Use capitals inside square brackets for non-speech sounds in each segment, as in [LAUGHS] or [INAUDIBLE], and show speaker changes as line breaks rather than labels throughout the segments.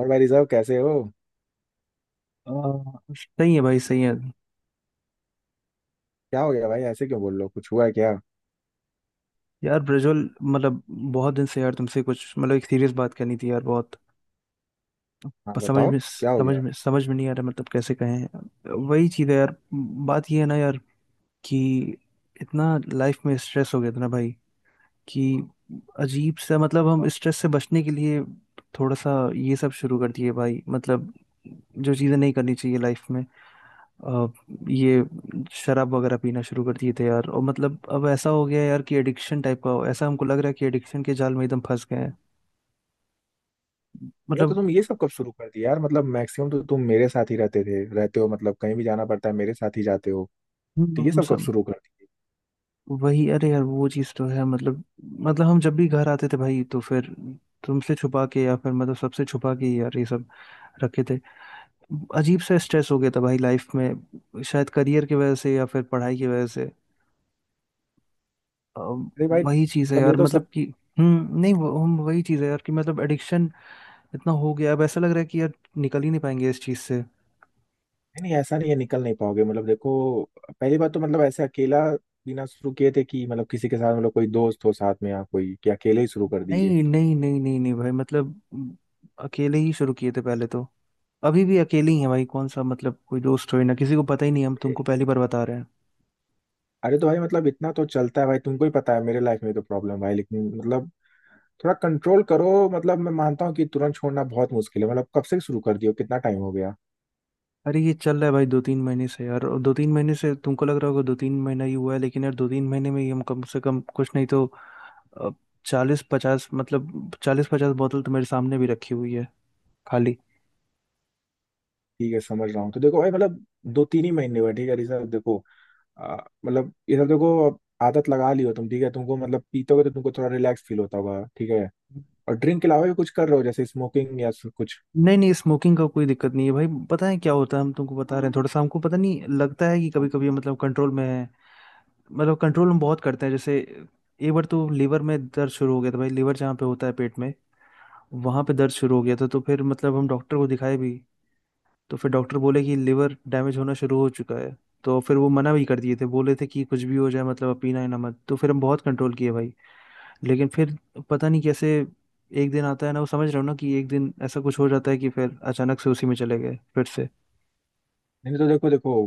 और भाई साहब, कैसे हो?
आ, सही है भाई सही है।
क्या हो गया भाई? ऐसे क्यों बोल रहे हो? कुछ हुआ है क्या?
यार ब्रजोल मतलब बहुत दिन से यार तुमसे कुछ मतलब एक सीरियस बात करनी थी यार बहुत।
हाँ,
पर समझ
बताओ।
में
क्या हो
समझ
गया?
में समझ में नहीं आ रहा मतलब कैसे कहें वही चीज़ है यार। बात ये है ना यार कि इतना लाइफ में स्ट्रेस हो गया था ना भाई कि अजीब सा मतलब हम
बताओ।
स्ट्रेस से बचने के लिए थोड़ा सा ये सब शुरू कर दिए भाई मतलब जो चीज़ें नहीं करनी चाहिए लाइफ में। अ, ये शराब वगैरह पीना शुरू कर दिए थे यार और मतलब अब ऐसा हो गया है यार कि एडिक्शन टाइप का हो ऐसा हमको लग रहा है कि एडिक्शन के जाल में एकदम फंस गए हैं
अरे तो
मतलब।
तुम ये सब कब शुरू कर दिया यार? मतलब मैक्सिमम तो तुम मेरे साथ ही रहते थे, रहते हो, मतलब कहीं भी जाना पड़ता है मेरे साथ ही जाते हो, तो ये
हम
सब कब
सब
शुरू कर दिए?
वही अरे यार वो चीज़ तो है मतलब हम जब भी घर आते थे भाई तो फिर तुमसे छुपा के या फिर मतलब सबसे छुपा के ही यार ये सब रखे थे। अजीब सा स्ट्रेस हो गया था भाई लाइफ में शायद करियर की वजह से या फिर पढ़ाई की वजह से। अ,
अरे भाई,
वही चीज़ है
मतलब ये
यार
तो सब।
मतलब कि नहीं वो हम वही चीज़ है यार कि मतलब एडिक्शन इतना हो गया अब ऐसा लग रहा है कि यार निकल ही नहीं पाएंगे इस चीज से।
नहीं नहीं, ऐसा नहीं है, निकल नहीं पाओगे? मतलब देखो, पहली बात तो, मतलब ऐसे अकेला बिना शुरू किए थे कि मतलब किसी के साथ, मतलब कोई दोस्त हो साथ में, या कोई, कि अकेले ही शुरू कर दिए?
नहीं नहीं नहीं नहीं नहीं भाई मतलब अकेले ही शुरू किए थे पहले तो। अभी भी अकेले ही हैं भाई कौन सा मतलब कोई दोस्त हो ना किसी को पता ही नहीं हम
ए,
तुमको पहली बार बता रहे हैं।
अरे तो भाई, मतलब इतना तो चलता है भाई। तुमको ही पता है मेरे लाइफ में तो प्रॉब्लम भाई, लेकिन मतलब थोड़ा कंट्रोल करो। मतलब मैं मानता हूँ कि तुरंत छोड़ना बहुत मुश्किल है। मतलब कब से शुरू कर दियो, कितना टाइम हो गया?
अरे ये चल रहा है भाई 2-3 महीने से यार और 2-3 महीने से तुमको लग रहा होगा 2-3 महीना ही हुआ है लेकिन यार 2-3 महीने में ही हम कम से कम कुछ नहीं तो चालीस पचास मतलब 40-50 बोतल तो मेरे सामने भी रखी हुई है खाली।
ठीक है, समझ रहा हूँ। तो देखो भाई, मतलब दो तीन ही महीने हुए, ठीक है ऋषभ, देखो। आ, मतलब ये सब देखो, अब आदत लगा लियो तुम, ठीक है। तुमको मतलब पीतोगे तो तुमको थोड़ा रिलैक्स फील होता होगा, ठीक है। और ड्रिंक के अलावा भी कुछ कर रहे हो, जैसे स्मोकिंग या कुछ?
नहीं नहीं स्मोकिंग का कोई दिक्कत नहीं है भाई पता है क्या होता है हम तुमको बता रहे हैं थोड़ा सा हमको पता नहीं लगता है कि कभी कभी
नहीं
मतलब कंट्रोल में है। मतलब कंट्रोल हम बहुत करते हैं जैसे एक बार तो लीवर में दर्द शुरू हो गया था भाई लीवर जहाँ पे होता है पेट में वहाँ पे दर्द शुरू हो गया था तो फिर मतलब हम डॉक्टर को दिखाए भी। तो फिर डॉक्टर बोले कि लीवर डैमेज होना शुरू हो चुका है। तो फिर वो मना भी कर दिए थे बोले थे कि कुछ भी हो जाए मतलब अब पीना ही ना मत तो फिर हम बहुत कंट्रोल किए भाई। लेकिन फिर पता नहीं कैसे एक दिन आता है ना वो समझ रहे हो ना कि एक दिन ऐसा कुछ हो जाता है कि फिर अचानक से उसी में चले गए फिर से।
नहीं, तो देखो देखो,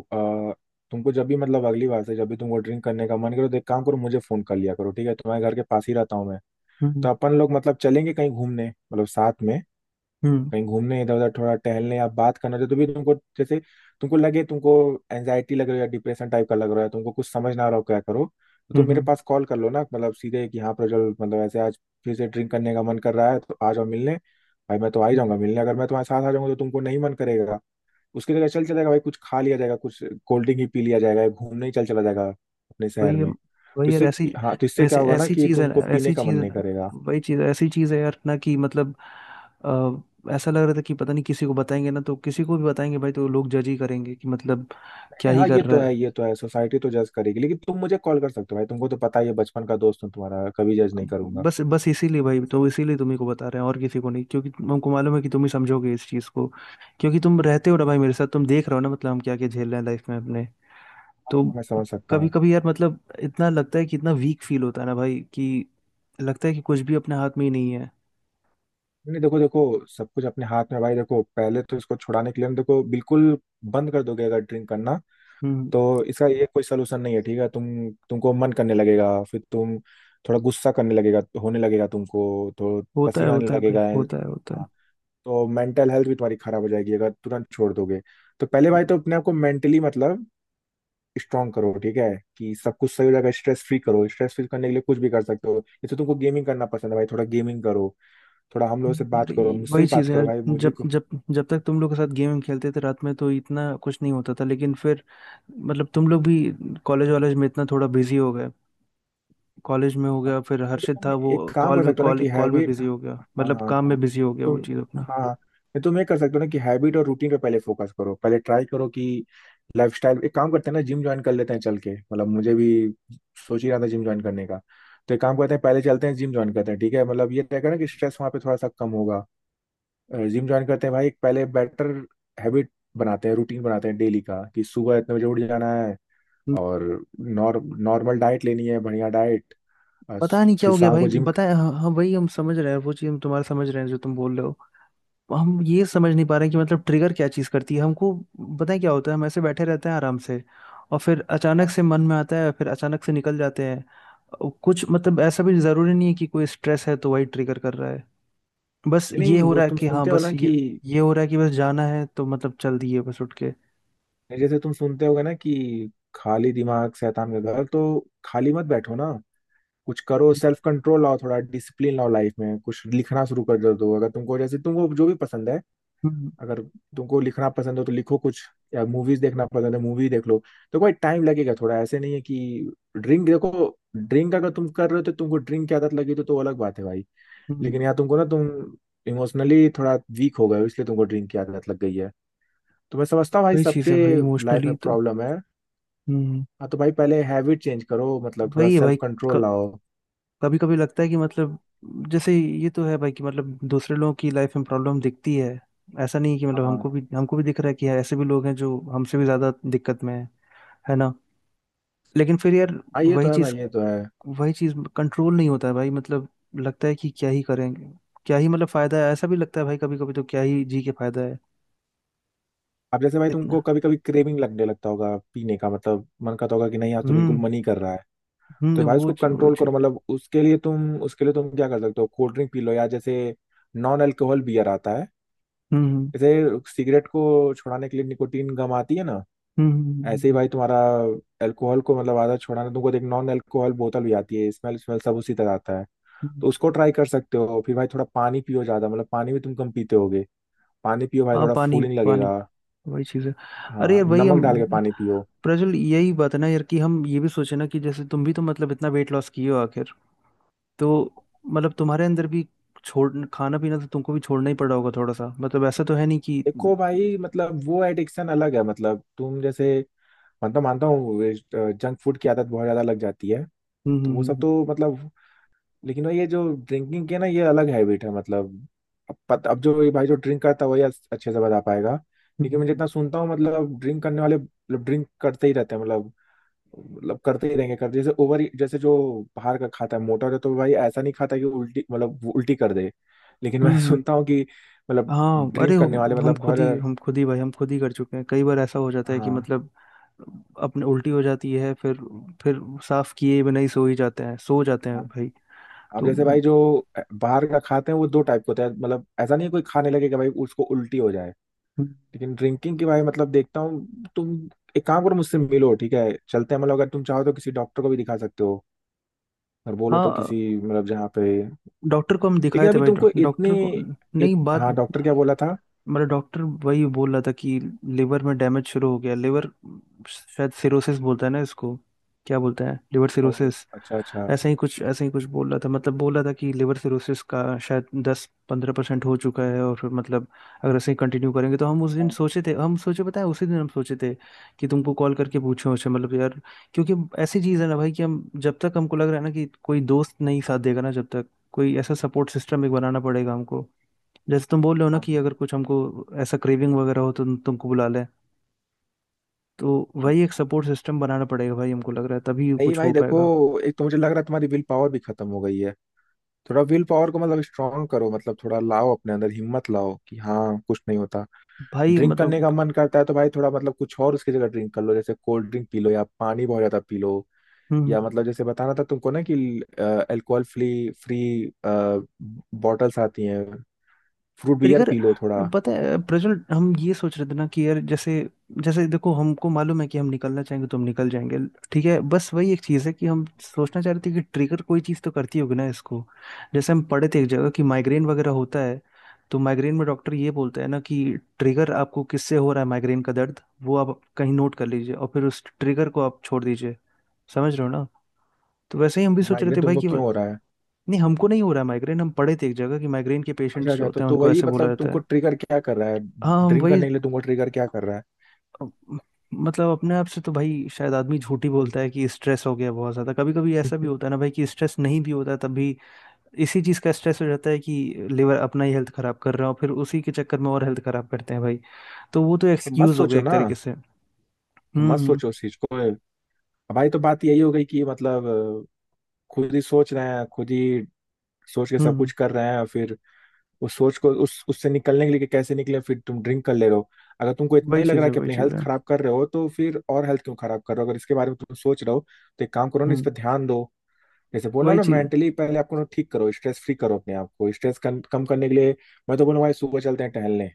आ, तुमको जब भी, मतलब अगली बार से जब भी तुमको ड्रिंक करने का मन करो तो एक काम करो, मुझे फोन कर लिया करो, ठीक है? तुम्हारे घर के पास ही रहता हूँ मैं।
हम्म।
तो अपन लोग मतलब चलेंगे कहीं घूमने, मतलब साथ में,
हम्म।
कहीं घूमने, इधर उधर थोड़ा टहलने या बात करना जो। तो भी तुमको लगे तुमको एंजाइटी लग रही है या डिप्रेशन टाइप का लग रहा है, तुमको कुछ समझ ना आ रहा हो क्या करो, तो
हम्म।
तुम मेरे पास कॉल कर लो ना। मतलब सीधे कि हाँ प्रज्वल, मतलब ऐसे आज फिर से ड्रिंक करने का मन कर रहा है, तो आ जाओ मिलने। भाई मैं तो आ ही
हम्म।
जाऊंगा मिलने। अगर मैं तुम्हारे साथ आ जाऊंगा तो तुमको नहीं मन करेगा। उसकी जगह चल चलेगा भाई, कुछ खा लिया जाएगा, कुछ कोल्ड ड्रिंक ही पी लिया जाएगा, या घूमने ही चल चला जाएगा अपने
वही
शहर
है।
में, तो
वही यार
इससे। हाँ, तो इससे क्या होगा ना
ऐसी
कि
चीज है ना।
तुमको
ऐसी
पीने का मन
चीज है
नहीं
ना
करेगा।
वही चीज ऐसी चीज है यार ना कि मतलब ऐसा लग रहा था कि पता नहीं किसी को बताएंगे ना तो किसी को भी बताएंगे भाई तो लोग जज ही करेंगे कि मतलब क्या
नहीं,
ही
हाँ,
कर
ये
रहा
तो
है।
है, ये तो है, सोसाइटी तो जज करेगी, लेकिन तुम मुझे कॉल कर सकते हो भाई। तुमको तो पता ही है, बचपन का दोस्त हूँ तुम्हारा, कभी जज नहीं करूंगा।
बस बस इसीलिए भाई तो इसीलिए तुम्ही को बता रहे हैं और किसी को नहीं क्योंकि हमको मालूम है कि तुम ही समझोगे इस चीज को। क्योंकि तुम रहते हो ना भाई मेरे साथ तुम देख रहे हो ना मतलब हम क्या क्या झेल रहे हैं लाइफ में अपने। तो
मैं समझ सकता
कभी
हूँ।
कभी यार मतलब इतना लगता है कि इतना वीक फील होता है ना भाई कि लगता है कि कुछ भी अपने हाथ में ही नहीं है।
नहीं देखो देखो, सब कुछ अपने हाथ में भाई। देखो, पहले तो इसको छुड़ाने के लिए ना, देखो, बिल्कुल बंद कर दोगे अगर ड्रिंक करना,
हम्म।
तो इसका ये कोई सलूशन नहीं है, ठीक है। तुमको मन करने लगेगा, फिर तुम थोड़ा गुस्सा करने लगेगा, होने लगेगा तुमको, तो पसीना आने
होता है भाई
लगेगा।
होता है होता है।
हाँ, तो मेंटल हेल्थ भी तुम्हारी खराब हो जाएगी अगर तुरंत छोड़ दोगे। तो पहले भाई
हम्म,
तो अपने आप को मेंटली मतलब स्ट्रॉन्ग करो, ठीक है, कि सब कुछ सही हो जाएगा। स्ट्रेस फ्री करो, स्ट्रेस फ्री करने के लिए कुछ भी कर सकते हो। जैसे तुमको गेमिंग करना पसंद है भाई, थोड़ा गेमिंग करो, थोड़ा हम लोगों से बात
अरे
करो, मुझसे
वही
ही बात
चीज़ है यार
करो भाई, मुझे
जब
को।
जब जब तक तुम लोग के साथ गेम खेलते थे रात में तो इतना कुछ नहीं होता था लेकिन फिर मतलब तुम लोग भी कॉलेज वॉलेज में इतना थोड़ा बिजी हो गए कॉलेज में हो गया फिर
नहीं तो
हर्षित
तुम
था वो
एक काम कर सकते हो ना कि
कॉल में
हैबिट,
बिजी हो गया
हाँ
मतलब
हाँ
काम
हाँ,
में बिजी हो गया वो
तुम,
चीज़ अपना।
हाँ हाँ। नहीं तुम ये कर सकते हो ना कि हैबिट और रूटीन पे पहले फोकस करो, पहले ट्राई करो कि लाइफस्टाइल, एक काम करते हैं ना, जिम ज्वाइन कर लेते हैं चल के। मतलब मुझे भी सोच ही रहा था जिम ज्वाइन करने का, तो एक काम करते हैं, पहले चलते हैं, जिम ज्वाइन करते हैं, ठीक है? मतलब ये रहेगा ना कि स्ट्रेस वहाँ पे थोड़ा सा कम होगा। जिम ज्वाइन करते हैं भाई, एक पहले बेटर हैबिट बनाते हैं, रूटीन बनाते हैं डेली का, कि सुबह इतने बजे उठ जाना है,
हम्म,
और नॉर नॉर्मल डाइट लेनी है, बढ़िया डाइट, और
पता नहीं क्या
फिर
हो गया
शाम
भाई
को जिम।
बताए। हाँ हाँ, वही हम समझ रहे हैं वो चीज़ हम तुम्हारा समझ रहे हैं जो तुम बोल रहे हो। हम ये समझ नहीं पा रहे हैं कि मतलब ट्रिगर क्या चीज़ करती है हमको बताए क्या होता है हम ऐसे बैठे रहते हैं आराम से और फिर अचानक से मन में आता है फिर अचानक से निकल जाते हैं। और कुछ मतलब ऐसा भी ज़रूरी नहीं है कि कोई स्ट्रेस है तो वही ट्रिगर कर रहा है बस ये
नहीं
हो
वो
रहा है
तुम
कि हाँ
सुनते हो
बस
ना कि,
ये हो रहा है कि बस जाना है तो मतलब चल दिए बस उठ के।
जैसे तुम सुनते होगे ना कि खाली दिमाग शैतान का घर, तो खाली मत बैठो ना, कुछ करो, सेल्फ कंट्रोल लाओ, थोड़ा डिसिप्लिन लाओ लाइफ में, कुछ लिखना शुरू कर दो अगर तुमको, जैसे तुमको जो भी पसंद है,
हम्म।
अगर तुमको लिखना पसंद हो तो लिखो कुछ, या मूवीज देखना पसंद है, मूवी देख लो। तो भाई टाइम लगेगा थोड़ा, ऐसे नहीं है कि ड्रिंक, देखो, ड्रिंक अगर तुम कर रहे हो तो, तुमको ड्रिंक की आदत लगी तो अलग बात है भाई,
हम्म
लेकिन यहाँ तुमको ना, तुम इमोशनली थोड़ा वीक हो गए हो, इसलिए तुमको ड्रिंक की आदत लग गई है। तो मैं समझता हूँ भाई,
वही चीज
सबके
है भाई
लाइफ
इमोशनली
में
तो।
प्रॉब्लम है।
हम्म
हाँ तो भाई पहले हैबिट चेंज करो, मतलब थोड़ा
वही है
सेल्फ
भाई
कंट्रोल लाओ।
कभी कभी लगता है कि मतलब जैसे ये तो है भाई कि मतलब दूसरे लोगों की लाइफ में प्रॉब्लम दिखती है ऐसा नहीं कि मतलब
हाँ
हमको भी दिख रहा है कि यार ऐसे भी लोग हैं जो हमसे भी ज्यादा दिक्कत में है ना। लेकिन फिर यार
हाँ, ये
वही
तो है
चीज
भाई, ये तो है।
वही चीज कंट्रोल नहीं होता है भाई मतलब लगता है कि क्या ही करेंगे क्या ही मतलब फायदा है ऐसा भी लगता है भाई कभी कभी तो क्या ही जी के फायदा है।
अब जैसे भाई तुमको
इतना।
कभी कभी क्रेविंग लगने लगता होगा पीने का, मतलब मन करता होगा कि नहीं, आज तो बिल्कुल
हम्म।
मन ही कर रहा है, तो भाई
वो
उसको
चीज वो
कंट्रोल करो।
चीज।
मतलब उसके लिए तुम, क्या कर सकते हो? कोल्ड ड्रिंक पी लो, या जैसे नॉन अल्कोहल बियर आता है,
हम्म
जैसे सिगरेट को छुड़ाने के लिए निकोटीन गम आती है ना,
हम्म।
ऐसे ही भाई तुम्हारा अल्कोहल को, मतलब आदत छुड़ाने तुमको एक नॉन अल्कोहल बोतल भी आती है, स्मेल स्मेल सब उसी तरह आता है, तो
हम्म।
उसको ट्राई कर सकते हो। फिर भाई थोड़ा पानी पियो ज्यादा, मतलब पानी भी तुम कम पीते होगे, पानी पियो भाई,
हाँ
थोड़ा
पानी
फूलिंग
पानी
लगेगा।
वही चीज है। अरे
हाँ,
यार वही
नमक डाल के
हम
पानी पियो।
प्रज्वल यही बात है ना यार कि हम ये भी सोचे ना कि जैसे तुम भी तो मतलब इतना वेट लॉस किए हो आखिर तो मतलब तुम्हारे अंदर भी छोड़ खाना पीना तो तुमको भी छोड़ना ही पड़ा होगा थोड़ा सा मतलब ऐसा तो है नहीं कि
देखो
हम्म।
भाई, मतलब वो एडिक्शन अलग है। मतलब तुम जैसे, मतलब मानता हूँ जंक फूड की आदत बहुत ज्यादा लग जाती है, तो वो सब
हम्म।
तो मतलब, लेकिन ये जो ड्रिंकिंग की है ना, ये अलग हैबिट है। मतलब अब जो ये भाई, जो ड्रिंक करता है वही अच्छे से बता पाएगा,
हम्म।
क्योंकि मैं जितना सुनता हूँ, मतलब ड्रिंक करने वाले, मतलब ड्रिंक करते ही रहते हैं, मतलब, मतलब करते ही रहेंगे, करते, जैसे ओवर, जैसे जो बाहर का खाता है मोटा है, तो भाई ऐसा नहीं खाता कि उल्टी, मतलब वो उल्टी कर दे। लेकिन
हम्म,
मैं [LAUGHS]
हम्म।
सुनता हूँ कि मतलब
हाँ अरे
ड्रिंक करने
हम
वाले,
हम
मतलब
खुद ही
बहुत।
हम खुद ही भाई हम खुद ही कर चुके हैं कई बार ऐसा हो जाता है कि
हाँ
मतलब अपने उल्टी हो जाती है फिर साफ किए बिना ही सो ही जाते हैं सो जाते हैं
हाँ।
भाई
अब
तो।
जैसे भाई जो बाहर का खाते हैं, वो दो टाइप के होता है, मतलब ऐसा नहीं है कोई खाने लगे कि भाई उसको उल्टी हो जाए, लेकिन ड्रिंकिंग की भाई, मतलब देखता हूँ तुम, एक काम करो, मुझसे मिलो, ठीक है, चलते हैं, मतलब अगर तुम चाहो तो किसी डॉक्टर को भी दिखा सकते हो, और बोलो तो
हाँ
किसी, मतलब जहाँ पे,
डॉक्टर को हम दिखाए
लेकिन
थे
अभी
भाई
तुमको इतने,
डॉक्टर को नहीं बात
हाँ, डॉक्टर क्या बोला था?
मेरा डॉक्टर वही बोल रहा था कि लिवर में डैमेज शुरू हो गया लिवर शायद सिरोसिस बोलता है ना इसको क्या बोलता है लिवर
ओह,
सिरोसिस
अच्छा अच्छा।
ऐसा ही कुछ बोल रहा था मतलब बोल रहा था कि लिवर सिरोसिस का शायद 10-15% हो चुका है और फिर मतलब अगर ऐसे ही कंटिन्यू करेंगे तो हम उस दिन
हाँ,
सोचे थे हम सोचे पता है उसी दिन हम सोचे थे कि तुमको कॉल करके पूछे उसे मतलब यार क्योंकि ऐसी चीज़ है ना भाई कि हम जब तक हमको लग रहा है ना कि कोई दोस्त नहीं साथ देगा ना जब तक कोई ऐसा सपोर्ट सिस्टम एक बनाना पड़ेगा हमको जैसे तुम बोल रहे हो ना
हाँ,
कि अगर कुछ हमको ऐसा क्रेविंग वगैरह हो तो तुमको बुला लें तो
हाँ।
वही एक सपोर्ट सिस्टम बनाना पड़ेगा भाई हमको लग रहा है तभी
नहीं
कुछ
भाई
हो
देखो,
पाएगा।
एक तो मुझे लग रहा है तुम्हारी विल पावर भी खत्म हो गई है, थोड़ा विल पावर को मतलब स्ट्रांग करो, मतलब थोड़ा लाओ अपने अंदर, हिम्मत लाओ कि हाँ, कुछ नहीं होता।
भाई
ड्रिंक करने
मतलब
का मन करता है तो भाई थोड़ा, मतलब कुछ और उसकी जगह ड्रिंक कर लो, जैसे कोल्ड ड्रिंक पी लो, या पानी बहुत ज्यादा पी लो,
हम्म
या मतलब जैसे बताना था तुमको ना कि अल्कोहल फ्री फ्री बॉटल्स आती हैं, फ्रूट बियर
ट्रिगर
पी लो थोड़ा।
पता है प्रज्वल हम ये सोच रहे थे ना कि यार जैसे जैसे देखो हमको मालूम है कि हम निकलना चाहेंगे तो हम निकल जाएंगे। ठीक है बस वही एक चीज़ है कि हम सोचना चाह रहे थे कि ट्रिगर कोई चीज़ तो करती होगी ना इसको जैसे हम पढ़े थे एक जगह कि माइग्रेन वगैरह होता है तो माइग्रेन में डॉक्टर ये बोलता है ना कि ट्रिगर आपको किससे हो रहा है माइग्रेन का दर्द वो आप कहीं नोट कर लीजिए और फिर उस ट्रिगर को आप छोड़ दीजिए समझ रहे हो ना। तो वैसे ही हम भी सोच रहे
माइग्रेन
थे भाई
तुमको
कि
क्यों हो रहा है?
नहीं हमको नहीं हो रहा है माइग्रेन हम पढ़े थे एक जगह कि माइग्रेन के
अच्छा
पेशेंट्स जो
अच्छा, तो
होते हैं
तो
उनको
वही,
ऐसे बोला
मतलब
जाता है।
तुमको ट्रिगर क्या कर रहा है?
हाँ हम
ड्रिंक
वही
करने के लिए तुमको ट्रिगर क्या कर रहा है?
अब- मतलब अपने आप से तो भाई शायद आदमी झूठ ही बोलता है कि स्ट्रेस हो गया बहुत ज्यादा कभी कभी ऐसा भी
[LAUGHS]
होता है ना भाई कि स्ट्रेस नहीं भी होता है तब भी इसी चीज का स्ट्रेस हो जाता है कि लिवर अपना ही हेल्थ खराब कर रहा है और फिर उसी के चक्कर में और हेल्थ खराब करते हैं भाई तो वो तो
तो मत
एक्सक्यूज हो
सोचो
गया एक
ना,
तरीके से। हम्म।
तो मत
हम्म।
सोचो उस चीज को अब। भाई तो बात यही हो गई कि, मतलब खुद ही सोच रहे हैं, खुद ही सोच के
हम्म,
सब
हम्म।
कुछ कर रहे हैं, और फिर उस सोच को, उस उससे निकलने के लिए कि कैसे निकले, फिर तुम ड्रिंक कर ले रहे हो। अगर तुमको इतना
वही
ही लग
चीज
रहा है
है
कि
वही
अपनी
चीज
हेल्थ
है।
खराब कर रहे हो, तो फिर और हेल्थ क्यों खराब कर रहे हो अगर इसके बारे में तुम सोच रहे हो? तो एक काम करो ना, इस
हम्म
पर ध्यान दो, जैसे बोल रहा
वही
हूँ ना,
चीज
मेंटली पहले आपको ना ठीक करो, स्ट्रेस फ्री करो अपने आप को, स्ट्रेस कम करने के लिए। मैं तो बोलूँ भाई, सुबह चलते हैं टहलने,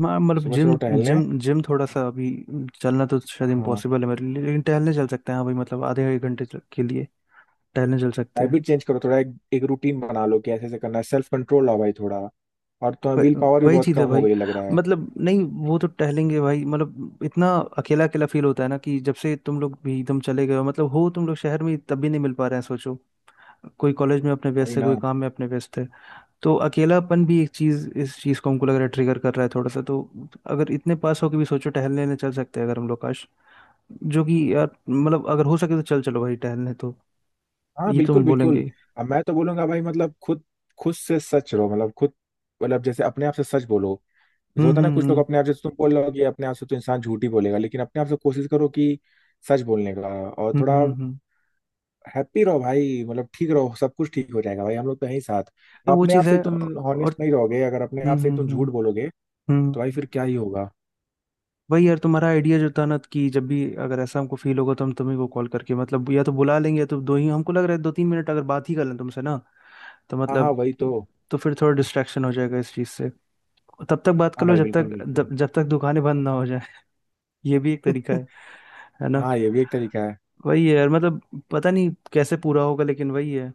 मतलब
सुबह
जिम
चलो टहलने।
जिम जिम थोड़ा सा अभी चलना तो शायद
हाँ,
इम्पॉसिबल है मेरे लिए लेकिन टहलने चल सकते हैं हाँ भाई मतलब आधे एक घंटे तक के लिए टहलने चल सकते हैं।
हैबिट चेंज करो थोड़ा, एक रूटीन बना लो कि ऐसे ऐसे करना है, सेल्फ कंट्रोल लाओ भाई थोड़ा, और तो
व-
विल पावर भी
वही
बहुत
चीज है
कम हो
भाई
गई लग रहा है।
मतलब नहीं वो तो टहलेंगे भाई मतलब इतना अकेला अकेला फील होता है ना कि जब से तुम लोग भी एकदम चले गए हो मतलब हो तुम लोग शहर में तब भी नहीं मिल पा रहे हैं सोचो कोई कॉलेज में अपने
वही
व्यस्त है कोई
ना।
काम में अपने व्यस्त है तो अकेलापन भी एक चीज इस चीज को हमको लग रहा है ट्रिगर कर रहा है थोड़ा सा तो अगर इतने पास हो के भी सोचो टहलने ले चल सकते हैं अगर हम लोग काश जो कि यार मतलब अगर हो सके तो चल चलो भाई टहलने तो
हाँ
ये तो
बिल्कुल
हम बोलेंगे
बिल्कुल।
ही।
अब मैं तो बोलूंगा भाई, मतलब खुद खुद से सच रहो, मतलब खुद, मतलब जैसे अपने आप से सच बोलो, जैसे
हम्म।
होता है ना
हम्म।
कुछ लोग,
हम्म।
अपने आप से, तुम बोल रहे हो कि अपने आप से तो इंसान झूठ ही बोलेगा, लेकिन अपने आप से कोशिश करो कि सच बोलने का, और
हम्म।
थोड़ा
हम्म। हम्म।
हैप्पी रहो भाई, मतलब ठीक रहो, सब कुछ ठीक हो जाएगा भाई, हम लोग तो हैं ही साथ।
ये वो
अपने आप
चीज है
से तुम
और।
हॉनेस्ट नहीं रहोगे, अगर अपने
हम्म।
आप से
हम्म।
तुम
हम्म।
झूठ बोलोगे, तो भाई
हम्म
फिर क्या ही होगा?
वही यार तुम्हारा आइडिया जो था ना कि जब भी अगर ऐसा हमको फील होगा तो हम तुम्ही को कॉल करके मतलब या तो बुला लेंगे या तो दो ही हमको लग रहा है 2-3 मिनट अगर बात ही कर लें तुमसे ना तो
हाँ हाँ,
मतलब
वही तो।
तो फिर थोड़ा डिस्ट्रैक्शन हो जाएगा इस चीज़ से। तब तक बात कर
हाँ
लो
भाई,
जब
बिल्कुल
तक
बिल्कुल।
जब, जब तक दुकानें बंद ना हो जाए। [LAUGHS] ये भी एक तरीका
[LAUGHS]
है ना।
हाँ, ये भी एक तरीका है।
वही है यार मतलब पता नहीं कैसे पूरा होगा लेकिन वही है।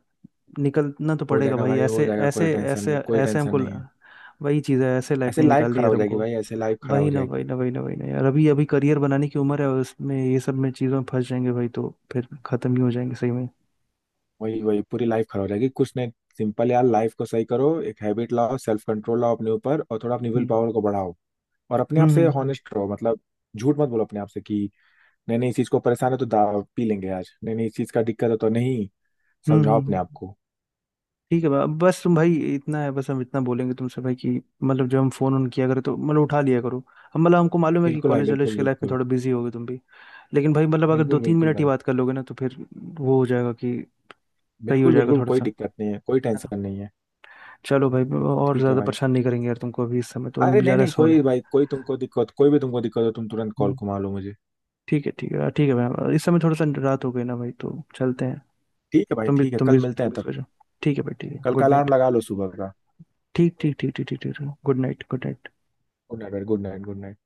निकलना तो
हो
पड़ेगा
जाएगा
भाई
भाई हो
ऐसे
जाएगा, कोई
ऐसे
टेंशन
ऐसे
नहीं, कोई
ऐसे
टेंशन
हमको
नहीं है।
वही चीज़ है ऐसे लाइफ
ऐसे
नहीं
लाइफ
निकालनी है
खराब
यार
हो जाएगी
हमको।
भाई, ऐसे लाइफ खराब हो
वही ना वही
जाएगी।
ना वही ना वही ना यार अभी अभी करियर बनाने की उम्र है और उसमें ये सब में चीज़ों में फंस जाएंगे भाई तो फिर खत्म ही हो जाएंगे सही में।
वही वही, पूरी लाइफ खराब हो जाएगी, कुछ नहीं। सिंपल यार, लाइफ को सही करो, एक हैबिट लाओ, सेल्फ कंट्रोल लाओ अपने ऊपर, और थोड़ा अपनी विल
हम्म।
पावर को बढ़ाओ, और अपने आप
हम्म।
से
हम्म।
हॉनेस्ट रहो, मतलब झूठ मत बोलो अपने आप से कि नहीं नहीं, इस चीज को परेशान है तो पी लेंगे आज, नहीं नहीं, इस चीज का दिक्कत है तो नहीं,
हम्म, हम्म।
समझाओ अपने
हम्म,
आप को।
ठीक है बस तुम भाई इतना है बस हम इतना बोलेंगे तुमसे भाई कि मतलब जब हम फोन ऑन किया करें तो मतलब उठा लिया करो। हम मतलब हमको मालूम है कि
बिल्कुल भाई,
कॉलेज वॉलेज
बिल्कुल
के लाइफ में
बिल्कुल,
थोड़ा बिजी होगे तुम भी लेकिन भाई मतलब अगर दो
बिल्कुल
तीन
बिल्कुल
मिनट ही
भाई,
बात कर लोगे ना तो फिर वो हो जाएगा कि सही हो
बिल्कुल
जाएगा
बिल्कुल,
थोड़ा
कोई दिक्कत नहीं है, कोई
सा।
टेंशन नहीं है,
चलो भाई और
ठीक है
ज्यादा
भाई।
परेशान नहीं करेंगे यार तुमको अभी इस समय तो हम
अरे
भी जा
नहीं
रहे
नहीं,
हैं सोने।
कोई भाई, कोई तुमको दिक्कत, कोई भी तुमको दिक्कत हो तुम तुरंत कॉल
हम्म,
को मार लो मुझे।
ठीक है ठीक है ठीक है भाई इस समय थोड़ा सा रात हो गई ना भाई तो चलते हैं।
ठीक है भाई,
तुम भी
ठीक है,
तुम
कल
भी
मिलते
तुम
हैं
भी
तब।
सो जाओ। ठीक है भाई ठीक है
कल का
गुड
अलार्म
नाइट
लगा लो सुबह का।
ठीक ठीक ठीक ठीक ठीक ठीक good night good night.
Good night, good night, good night.